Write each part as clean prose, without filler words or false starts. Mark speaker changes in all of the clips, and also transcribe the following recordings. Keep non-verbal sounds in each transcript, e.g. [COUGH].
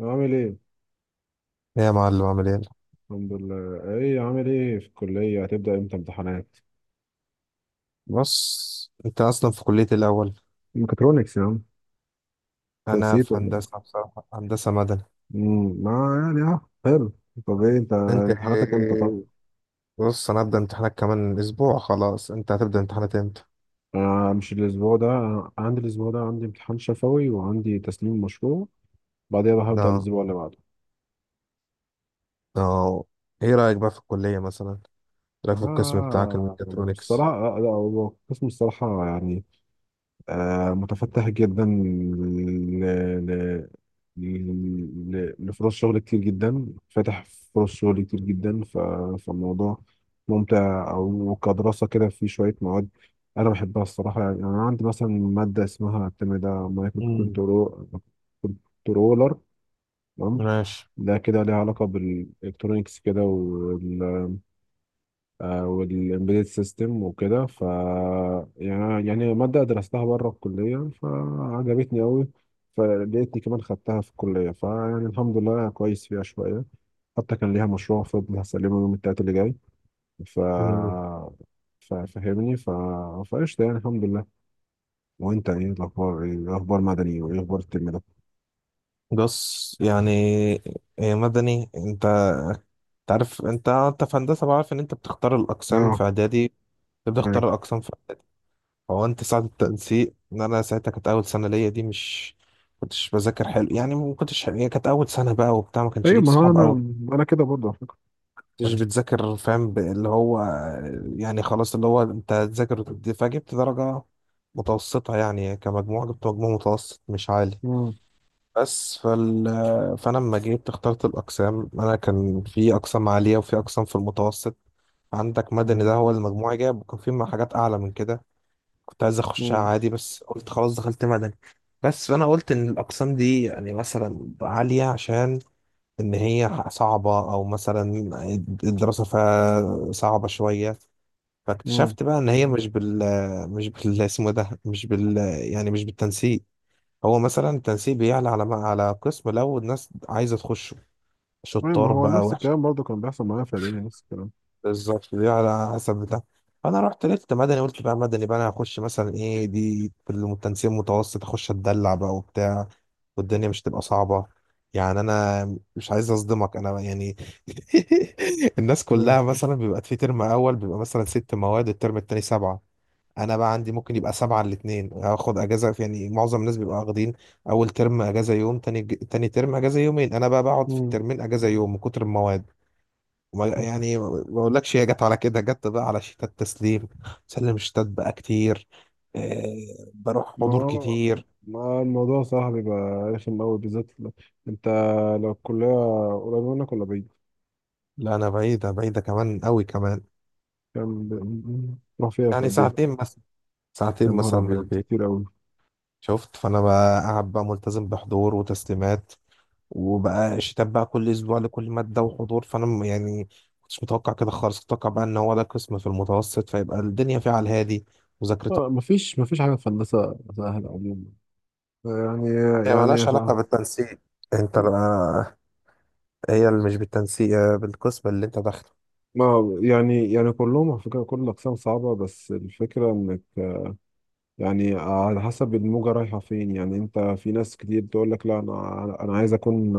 Speaker 1: عامل ايه؟
Speaker 2: إيه يا معلم، عامل ايه؟
Speaker 1: الحمد لله. ايه عامل ايه في الكلية، هتبدأ امتى امتحانات؟
Speaker 2: بص، انت اصلا في كلية إيه الاول؟
Speaker 1: ميكاترونكس يا عم. أنت
Speaker 2: انا
Speaker 1: نسيت
Speaker 2: في
Speaker 1: ولا
Speaker 2: هندسة،
Speaker 1: ايه؟
Speaker 2: بصراحة هندسة مدني.
Speaker 1: ما يعني، حلو. طب ايه انت؟
Speaker 2: انت
Speaker 1: امتحاناتك امتى طب؟
Speaker 2: إيه؟ بص، انا هبدأ امتحانات كمان اسبوع، خلاص. انت هتبدأ امتحانات امتى؟
Speaker 1: مش الاسبوع ده. عندي الاسبوع ده، عندي امتحان شفوي وعندي تسليم مشروع. بعدها بقى هبدأ
Speaker 2: لا،
Speaker 1: الاسبوع اللي بعده.
Speaker 2: لا. ايه رأيك بقى في الكلية، مثلا إيه رأيك في القسم بتاعك
Speaker 1: آه.
Speaker 2: الميكاترونكس؟
Speaker 1: بصراحة. لا، هو القسم الصراحة يعني. متفتح جدا لفرص شغل كتير جدا فاتح. فرص شغل كتير جدا فالموضوع ممتع أو كدراسة كده، في شوية مواد أنا بحبها الصراحة. يعني أنا عندي مثلا مادة اسمها الترم ده مايكرو
Speaker 2: امم،
Speaker 1: كنترولر، تمام.
Speaker 2: ماشي.
Speaker 1: ده كده ليها علاقة بالإلكترونيكس كده، والامبيدد سيستم وكده. يعني مادة درستها بره الكلية فعجبتني أوي. فلقيتني كمان خدتها في الكلية، فيعني الحمد لله كويس فيها شوية. حتى كان ليها مشروع فاضل هسلمه يوم التلات اللي جاي. ف
Speaker 2: مم.
Speaker 1: ففهمني فقشطة يعني الحمد لله. وانت ايه الاخبار، ايه اخبار مدني، وايه اخبار الترم ده؟
Speaker 2: بص، يعني إيه مدني؟ انت تعرف، انت في هندسة، بعرف ان انت بتختار الاقسام في
Speaker 1: اه.
Speaker 2: اعدادي، بتختار
Speaker 1: ايوه.
Speaker 2: الاقسام في. هو انت ساعة التنسيق، ان انا ساعتها كانت اول سنة ليا، دي مش كنتش بذاكر حلو، يعني ما كنتش حلو. هي كانت اول سنة بقى وبتاع، ما كانش
Speaker 1: ايوه،
Speaker 2: ليك
Speaker 1: ما هو
Speaker 2: صحاب
Speaker 1: انا
Speaker 2: قوي،
Speaker 1: انا كده برضه على فكرة.
Speaker 2: كنتش كنت بتذاكر، فاهم؟ اللي هو يعني خلاص، اللي هو انت تذاكر وتدي، فجبت درجة متوسطة، يعني كمجموع جبت مجموع متوسط مش عالي.
Speaker 1: مم.
Speaker 2: بس فانا لما جيت اخترت الاقسام، انا كان في اقسام عالية وفي اقسام في المتوسط، عندك مدني ده
Speaker 1: مم.
Speaker 2: هو اللي مجموعي جاب، وكان في حاجات اعلى من كده، كنت عايز اخشها
Speaker 1: مم.
Speaker 2: عادي، بس قلت خلاص دخلت مدني. بس فانا قلت ان الاقسام دي يعني مثلا عاليه عشان ان هي صعبه، او مثلا الدراسه فيها صعبه شويه.
Speaker 1: مم.
Speaker 2: فاكتشفت بقى ان هي مش بال مش بال اسمه إيه ده، مش بال، يعني مش بالتنسيق. هو مثلا التنسيق بيعلى على قسم، لو الناس عايزه تخشه
Speaker 1: ايوه، ما
Speaker 2: شطار
Speaker 1: هو
Speaker 2: بقى،
Speaker 1: نفس
Speaker 2: وحش.
Speaker 1: الكلام برضه كان بيحصل معايا في اعدادي، نفس الكلام.
Speaker 2: بالظبط، دي على حسب بتاع. انا رحت لقيت مدني، قلت بقى مدني بقى انا هخش، مثلا ايه دي في التنسيق المتوسط، اخش اتدلع بقى وبتاع، والدنيا مش تبقى صعبة. يعني انا مش عايز اصدمك، انا يعني [LAUGHS] الناس
Speaker 1: أيوة.
Speaker 2: كلها مثلا بيبقى في ترم اول بيبقى مثلا ست مواد، الترم التاني سبعة، انا بقى عندي ممكن يبقى سبعة الاتنين، هاخد اجازة يعني معظم الناس بيبقى واخدين اول ترم اجازة يوم، تاني تاني ترم اجازة يومين، انا بقى بقعد في
Speaker 1: مم.
Speaker 2: الترمين اجازة يوم من كتر المواد. يعني ما بقولكش، هي جت على كده، جت بقى على شتات تسليم، سلم شتات بقى كتير، إيه بروح
Speaker 1: ما
Speaker 2: حضور
Speaker 1: هو،
Speaker 2: كتير.
Speaker 1: ما الموضوع صراحة بيبقى رخم أوي بالذات أنت، لو الكلية قريبة منك ولا بعيد؟
Speaker 2: لا، انا بعيدة، بعيدة كمان قوي كمان.
Speaker 1: كام تروح فيها في
Speaker 2: يعني
Speaker 1: قد إيه؟
Speaker 2: ساعتين مثلا، ساعتين
Speaker 1: يا نهار
Speaker 2: مثلا من
Speaker 1: أبيض،
Speaker 2: البيت.
Speaker 1: كتير أوي.
Speaker 2: شفت، فانا بقى قاعد بقى ملتزم بحضور وتسليمات، وبقى شتات بقى كل اسبوع لكل مادة وحضور، يعني كنتش متوقع كده خالص، كنت متوقع بقى ان هو ده قسم في المتوسط، فيبقى الدنيا فيها على الهادي مذاكرتها.
Speaker 1: مفيش حاجة في هندسة سهلة عموما يعني.
Speaker 2: هي
Speaker 1: يعني يا
Speaker 2: مالهاش علاقة
Speaker 1: شعب،
Speaker 2: بالتنسيق، انت. هي اللي مش بالتنسيق، بالقسم اللي انت داخله.
Speaker 1: ما يعني كلهم على فكرة كل الأقسام صعبة، بس الفكرة إنك يعني على حسب الموجة رايحة فين. يعني أنت في ناس كتير تقول لك لا، أنا عايز أكون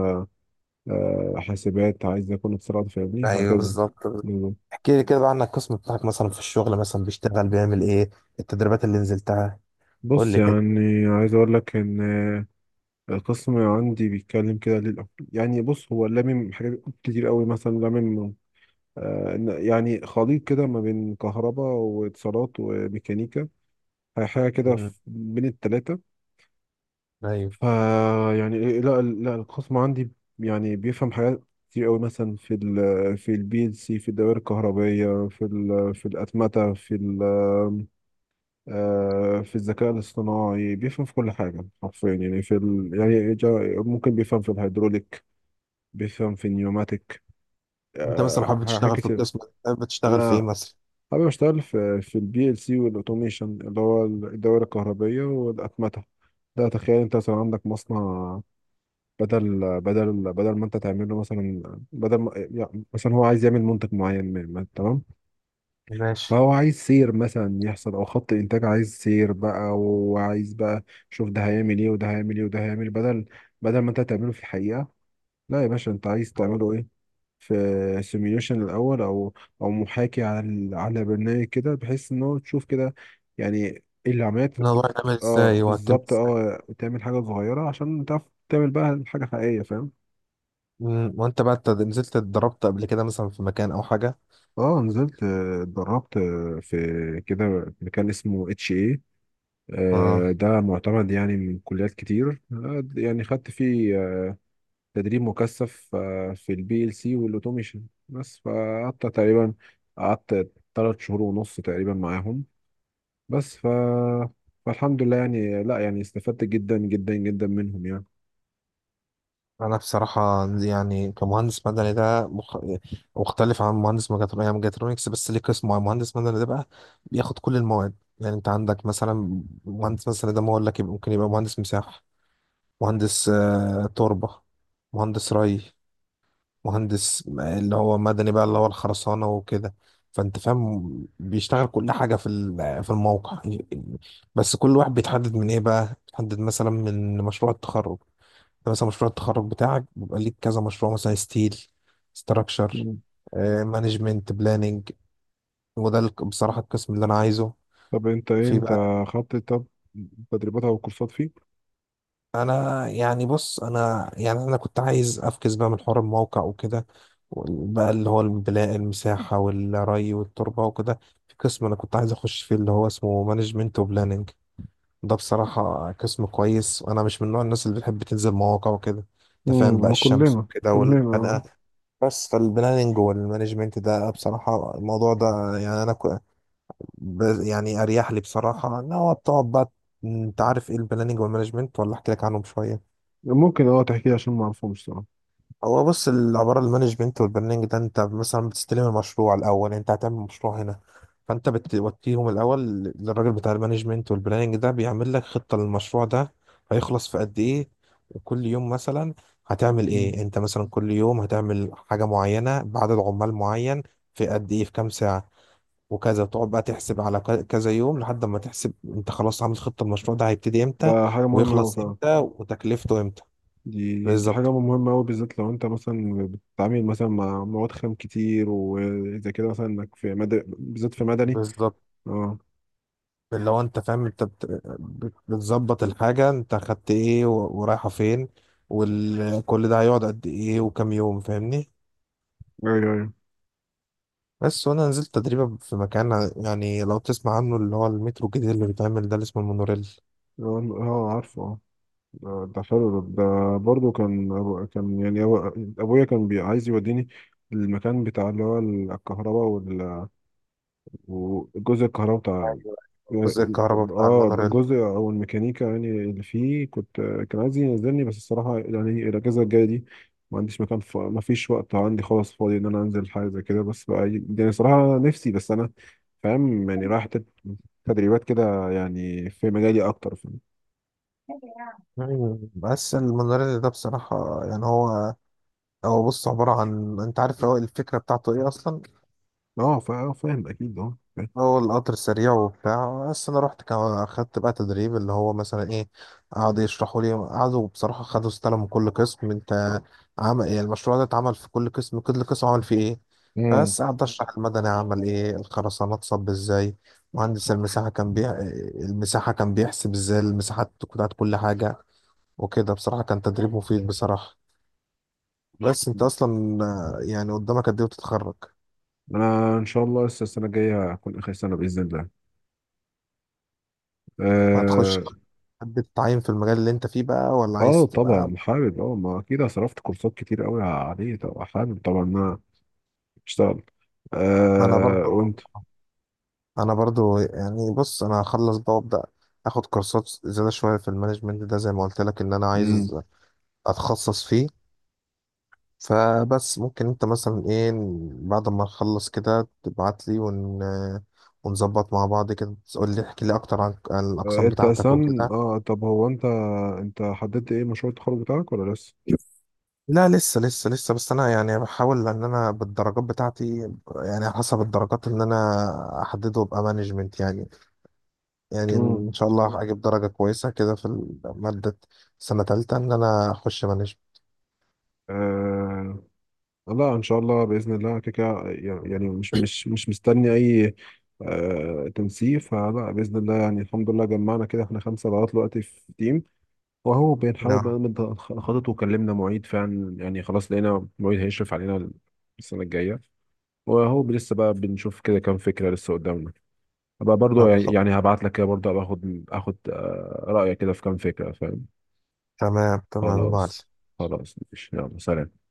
Speaker 1: حاسبات، عايز يكون اتصالات، فاهمني
Speaker 2: ايوه
Speaker 1: هكذا.
Speaker 2: بالظبط.
Speaker 1: بالظبط.
Speaker 2: احكي لي كده بقى عن القسم بتاعك، مثلا في الشغل مثلا بيشتغل بيعمل ايه، التدريبات اللي نزلتها، قول
Speaker 1: بص
Speaker 2: لي كده.
Speaker 1: يعني عايز اقول لك ان القسم عندي بيتكلم كده يعني بص، هو لامم حاجات كتير قوي مثلا لامم يعني خليط كده ما بين كهرباء واتصالات وميكانيكا، حاجه كده
Speaker 2: مم.
Speaker 1: بين التلاتة.
Speaker 2: ايوه.
Speaker 1: فا يعني، لا لا، القسم عندي يعني بيفهم حاجات كتير قوي، مثلا في البي ال سي، في الدوائر الكهربائيه، في الاتمته، في ال في الذكاء الاصطناعي. بيفهم في كل حاجة حرفيا، يعني يعني ممكن بيفهم في الهيدروليك، بيفهم في النيوماتيك،
Speaker 2: انت مثلا حابب
Speaker 1: حاجات
Speaker 2: تشتغل في
Speaker 1: كتير.
Speaker 2: القسم، حابب تشتغل في ايه
Speaker 1: أنا
Speaker 2: مثلا؟
Speaker 1: حابب أشتغل في البي ال سي والأوتوميشن، اللي هو الدوائر الكهربية والأتمتة. ده تخيل أنت مثلا عندك مصنع، بدل ما أنت تعمل له مثلا، بدل ما يعني مثلا هو عايز يعمل منتج معين، تمام.
Speaker 2: ماشي.
Speaker 1: فهو عايز سير مثلا يحصل او خط انتاج، عايز سير بقى، وعايز بقى شوف ده هيعمل ايه، وده هيعمل ايه، وده هيعمل إيه، بدل، بدل ما انت تعمله في الحقيقة. لا يا باشا، انت عايز تعمله ايه في سيميوليشن الاول، او محاكي على على برنامج كده، بحيث ان هو تشوف كده يعني ايه اللي عملت.
Speaker 2: الموضوع يتعمل
Speaker 1: اه
Speaker 2: ازاي وهتتم
Speaker 1: بالظبط،
Speaker 2: ازاي؟
Speaker 1: اه تعمل حاجة صغيرة عشان تعرف تعمل بقى حاجة حقيقية، فاهم.
Speaker 2: وانت بقى نزلت اتدربت قبل كده مثلا في مكان او حاجه؟
Speaker 1: اه نزلت، اتدربت في كده مكان اسمه اتش.
Speaker 2: اه.
Speaker 1: ده معتمد يعني من كليات كتير، يعني خدت فيه تدريب مكثف في البي ال سي والاوتوميشن. بس فقعدت تقريبا، قعدت 3 شهور ونص تقريبا معاهم. بس ف فالحمد لله يعني، لا يعني استفدت جدا جدا جدا منهم يعني.
Speaker 2: انا بصراحه يعني كمهندس مدني ده مختلف عن مهندس ميكاترونكس. يعني ميكاترونكس بس ليه قسم معين. مهندس مدني ده بقى بياخد كل المواد، يعني انت عندك مثلا مهندس مثلا ده، ما اقول لك ممكن يبقى مهندس مساحه، مهندس تربه، مهندس ري، مهندس اللي هو مدني بقى اللي هو الخرسانه وكده. فانت فاهم بيشتغل كل حاجه في الموقع يعني. بس كل واحد بيتحدد من ايه بقى، بيتحدد مثلا من مشروع التخرج. انت مثلا مشروع التخرج بتاعك بيبقى ليك كذا مشروع، مثلا ستيل ستراكشر،
Speaker 1: مم.
Speaker 2: مانجمنت بلاننج. بصراحة القسم اللي انا عايزه
Speaker 1: طب انت ايه،
Speaker 2: في
Speaker 1: انت
Speaker 2: بقى.
Speaker 1: خدت طب تدريبات او كورسات فيه؟
Speaker 2: انا يعني بص، انا يعني انا كنت عايز افكس بقى من حوار الموقع وكده، بقى اللي هو البناء، المساحة والري والتربة وكده. في قسم انا كنت عايز اخش فيه اللي هو اسمه مانجمنت وبلاننج. ده بصراحة قسم كويس، وانا مش من نوع الناس اللي بتحب تنزل مواقع وكده، انت فاهم بقى، الشمس
Speaker 1: كلنا
Speaker 2: وكده
Speaker 1: كلنا.
Speaker 2: والحدقة. بس فالبلاننج والمانجمنت ده، بصراحة الموضوع ده، يعني يعني أريح لي بصراحة إن هو بتقعد بقى. أنت عارف إيه البلاننج والمانجمنت ولا أحكي لك عنهم شوية؟
Speaker 1: ممكن تحكي لي عشان ما اعرفهمش صراحة.
Speaker 2: هو بص، العبارة المانجمنت والبرنامج ده، انت مثلا بتستلم المشروع الأول، انت هتعمل مشروع هنا، فانت بتوديهم الأول للراجل بتاع المانجمنت، والبرنامج ده بيعمل لك خطة للمشروع ده، هيخلص في قد ايه، وكل يوم مثلا هتعمل
Speaker 1: مم.
Speaker 2: ايه، انت مثلا كل يوم هتعمل حاجة معينة بعدد عمال معين، في قد ايه، في كام ساعة، وكذا تقعد بقى تحسب على كذا يوم، لحد ما تحسب انت خلاص عامل خطة المشروع ده، هيبتدي امتى
Speaker 1: ده حاجة مهمة أوي
Speaker 2: ويخلص
Speaker 1: فعلا.
Speaker 2: امتى وتكلفته امتى.
Speaker 1: دي
Speaker 2: بالظبط،
Speaker 1: حاجة مهمة أوي، بالذات لو أنت مثلا بتتعامل مثلا مع مواد خام كتير، وإذا كده مثلا إنك في مدني، بالذات في مدني.
Speaker 2: بالظبط.
Speaker 1: أه.
Speaker 2: اللي هو انت فاهم، انت بتظبط الحاجة، انت خدت ايه ورايحة فين، وكل ده هيقعد قد ايه وكام يوم، فاهمني؟
Speaker 1: أيوه أيوه.
Speaker 2: بس وانا نزلت تدريبة في مكان، يعني لو تسمع عنه، اللي هو المترو الجديد اللي بيتعمل ده، اللي اسمه المونوريل.
Speaker 1: أه. عارفه، أه. ده حلو. ده برضه كان أبويا كان عايز يوديني المكان بتاع، اللي هو الكهرباء وجزء الكهرباء.
Speaker 2: أيوة. جزء الكهرباء بتاع
Speaker 1: اه
Speaker 2: المونوريل.
Speaker 1: الجزء او الميكانيكا، يعني اللي فيه كنت، كان عايز ينزلني. بس الصراحه يعني الاجازه الجايه دي ما عنديش مكان، ما فيش وقت عندي خالص فاضي ان انا انزل حاجه زي كده. بس بقى يعني صراحه نفسي، بس انا فاهم. يعني رايح تدريبات كده يعني في مجالي اكتر، فاهم.
Speaker 2: مم. بس المونوريل ده بصراحة، يعني هو بص، عبارة عن، انت عارف هو الفكرة بتاعته ايه اصلا،
Speaker 1: اه فاهم اكيد، اه فاهم.
Speaker 2: هو القطر سريع وبتاع. بس انا رحت كمان، اخدت بقى تدريب، اللي هو مثلا ايه، قعدوا يشرحوا لي، قعدوا بصراحه، خدوا استلموا من كل قسم، انت عمل ايه المشروع ده، اتعمل في كل قسم، كل قسم عمل فيه ايه.
Speaker 1: امم.
Speaker 2: بس قعدت اشرح، المدني عمل ايه، الخرسانات صب ازاي، مهندس المساحه كان المساحه كان بيحسب ازاي المساحات بتاعت كل حاجه وكده. بصراحه كان تدريب مفيد بصراحه. بس انت اصلا، يعني قدامك قد ايه وتتخرج،
Speaker 1: انا ان شاء الله لسه السنه الجايه هكون اخر سنه باذن الله. اه.
Speaker 2: هتخش حد تتعين في المجال اللي انت فيه بقى، ولا عايز تبقى؟
Speaker 1: طبعا حابب، ما اكيد أنا صرفت كورسات كتير قوي عليه، طبعا حابب طبعا اشتغل.
Speaker 2: انا برضو
Speaker 1: وانت؟
Speaker 2: انا برضو يعني بص، انا هخلص بقى وابدا اخد كورسات زياده شويه في المانجمنت ده، زي ما قلت لك، ان انا
Speaker 1: امم.
Speaker 2: عايز اتخصص فيه. فبس ممكن انت مثلا ايه، بعد ما نخلص كده تبعت لي ونظبط مع بعض كده، تقول لي، احكي لي اكتر عن الاقسام
Speaker 1: انت
Speaker 2: بتاعتك
Speaker 1: اصلا،
Speaker 2: وكده.
Speaker 1: طب هو انت، انت حددت ايه مشروع التخرج بتاعك ولا لسه؟
Speaker 2: لا، لسه لسه لسه، بس انا يعني بحاول ان انا بالدرجات بتاعتي، يعني حسب الدرجات ان انا احدده ابقى مانجمنت، يعني
Speaker 1: امم.
Speaker 2: ان شاء الله هجيب درجه كويسه كده في ماده سنه تالتة ان انا اخش مانجمنت.
Speaker 1: آه لا، ان شاء الله باذن الله كده كده يعني. مش مستني اي تنسيق، فلا باذن الله. يعني الحمد لله جمعنا كده احنا خمسه لغايه دلوقتي في تيم، وهو بنحاول
Speaker 2: نعم.
Speaker 1: بقى نخطط. وكلمنا معيد فعلا، يعني خلاص لقينا معيد هيشرف علينا السنه الجايه. وهو لسه بقى بنشوف كده كام فكره لسه قدامنا. ابقى برضو
Speaker 2: طب
Speaker 1: يعني،
Speaker 2: خل-
Speaker 1: هبعت لك كده برضو، ابقى اخد رأيك كده في كام فكرة، فاهم.
Speaker 2: تمام، تمام يا
Speaker 1: خلاص.
Speaker 2: معلم.
Speaker 1: خلاص، ماشي، يلا سلام.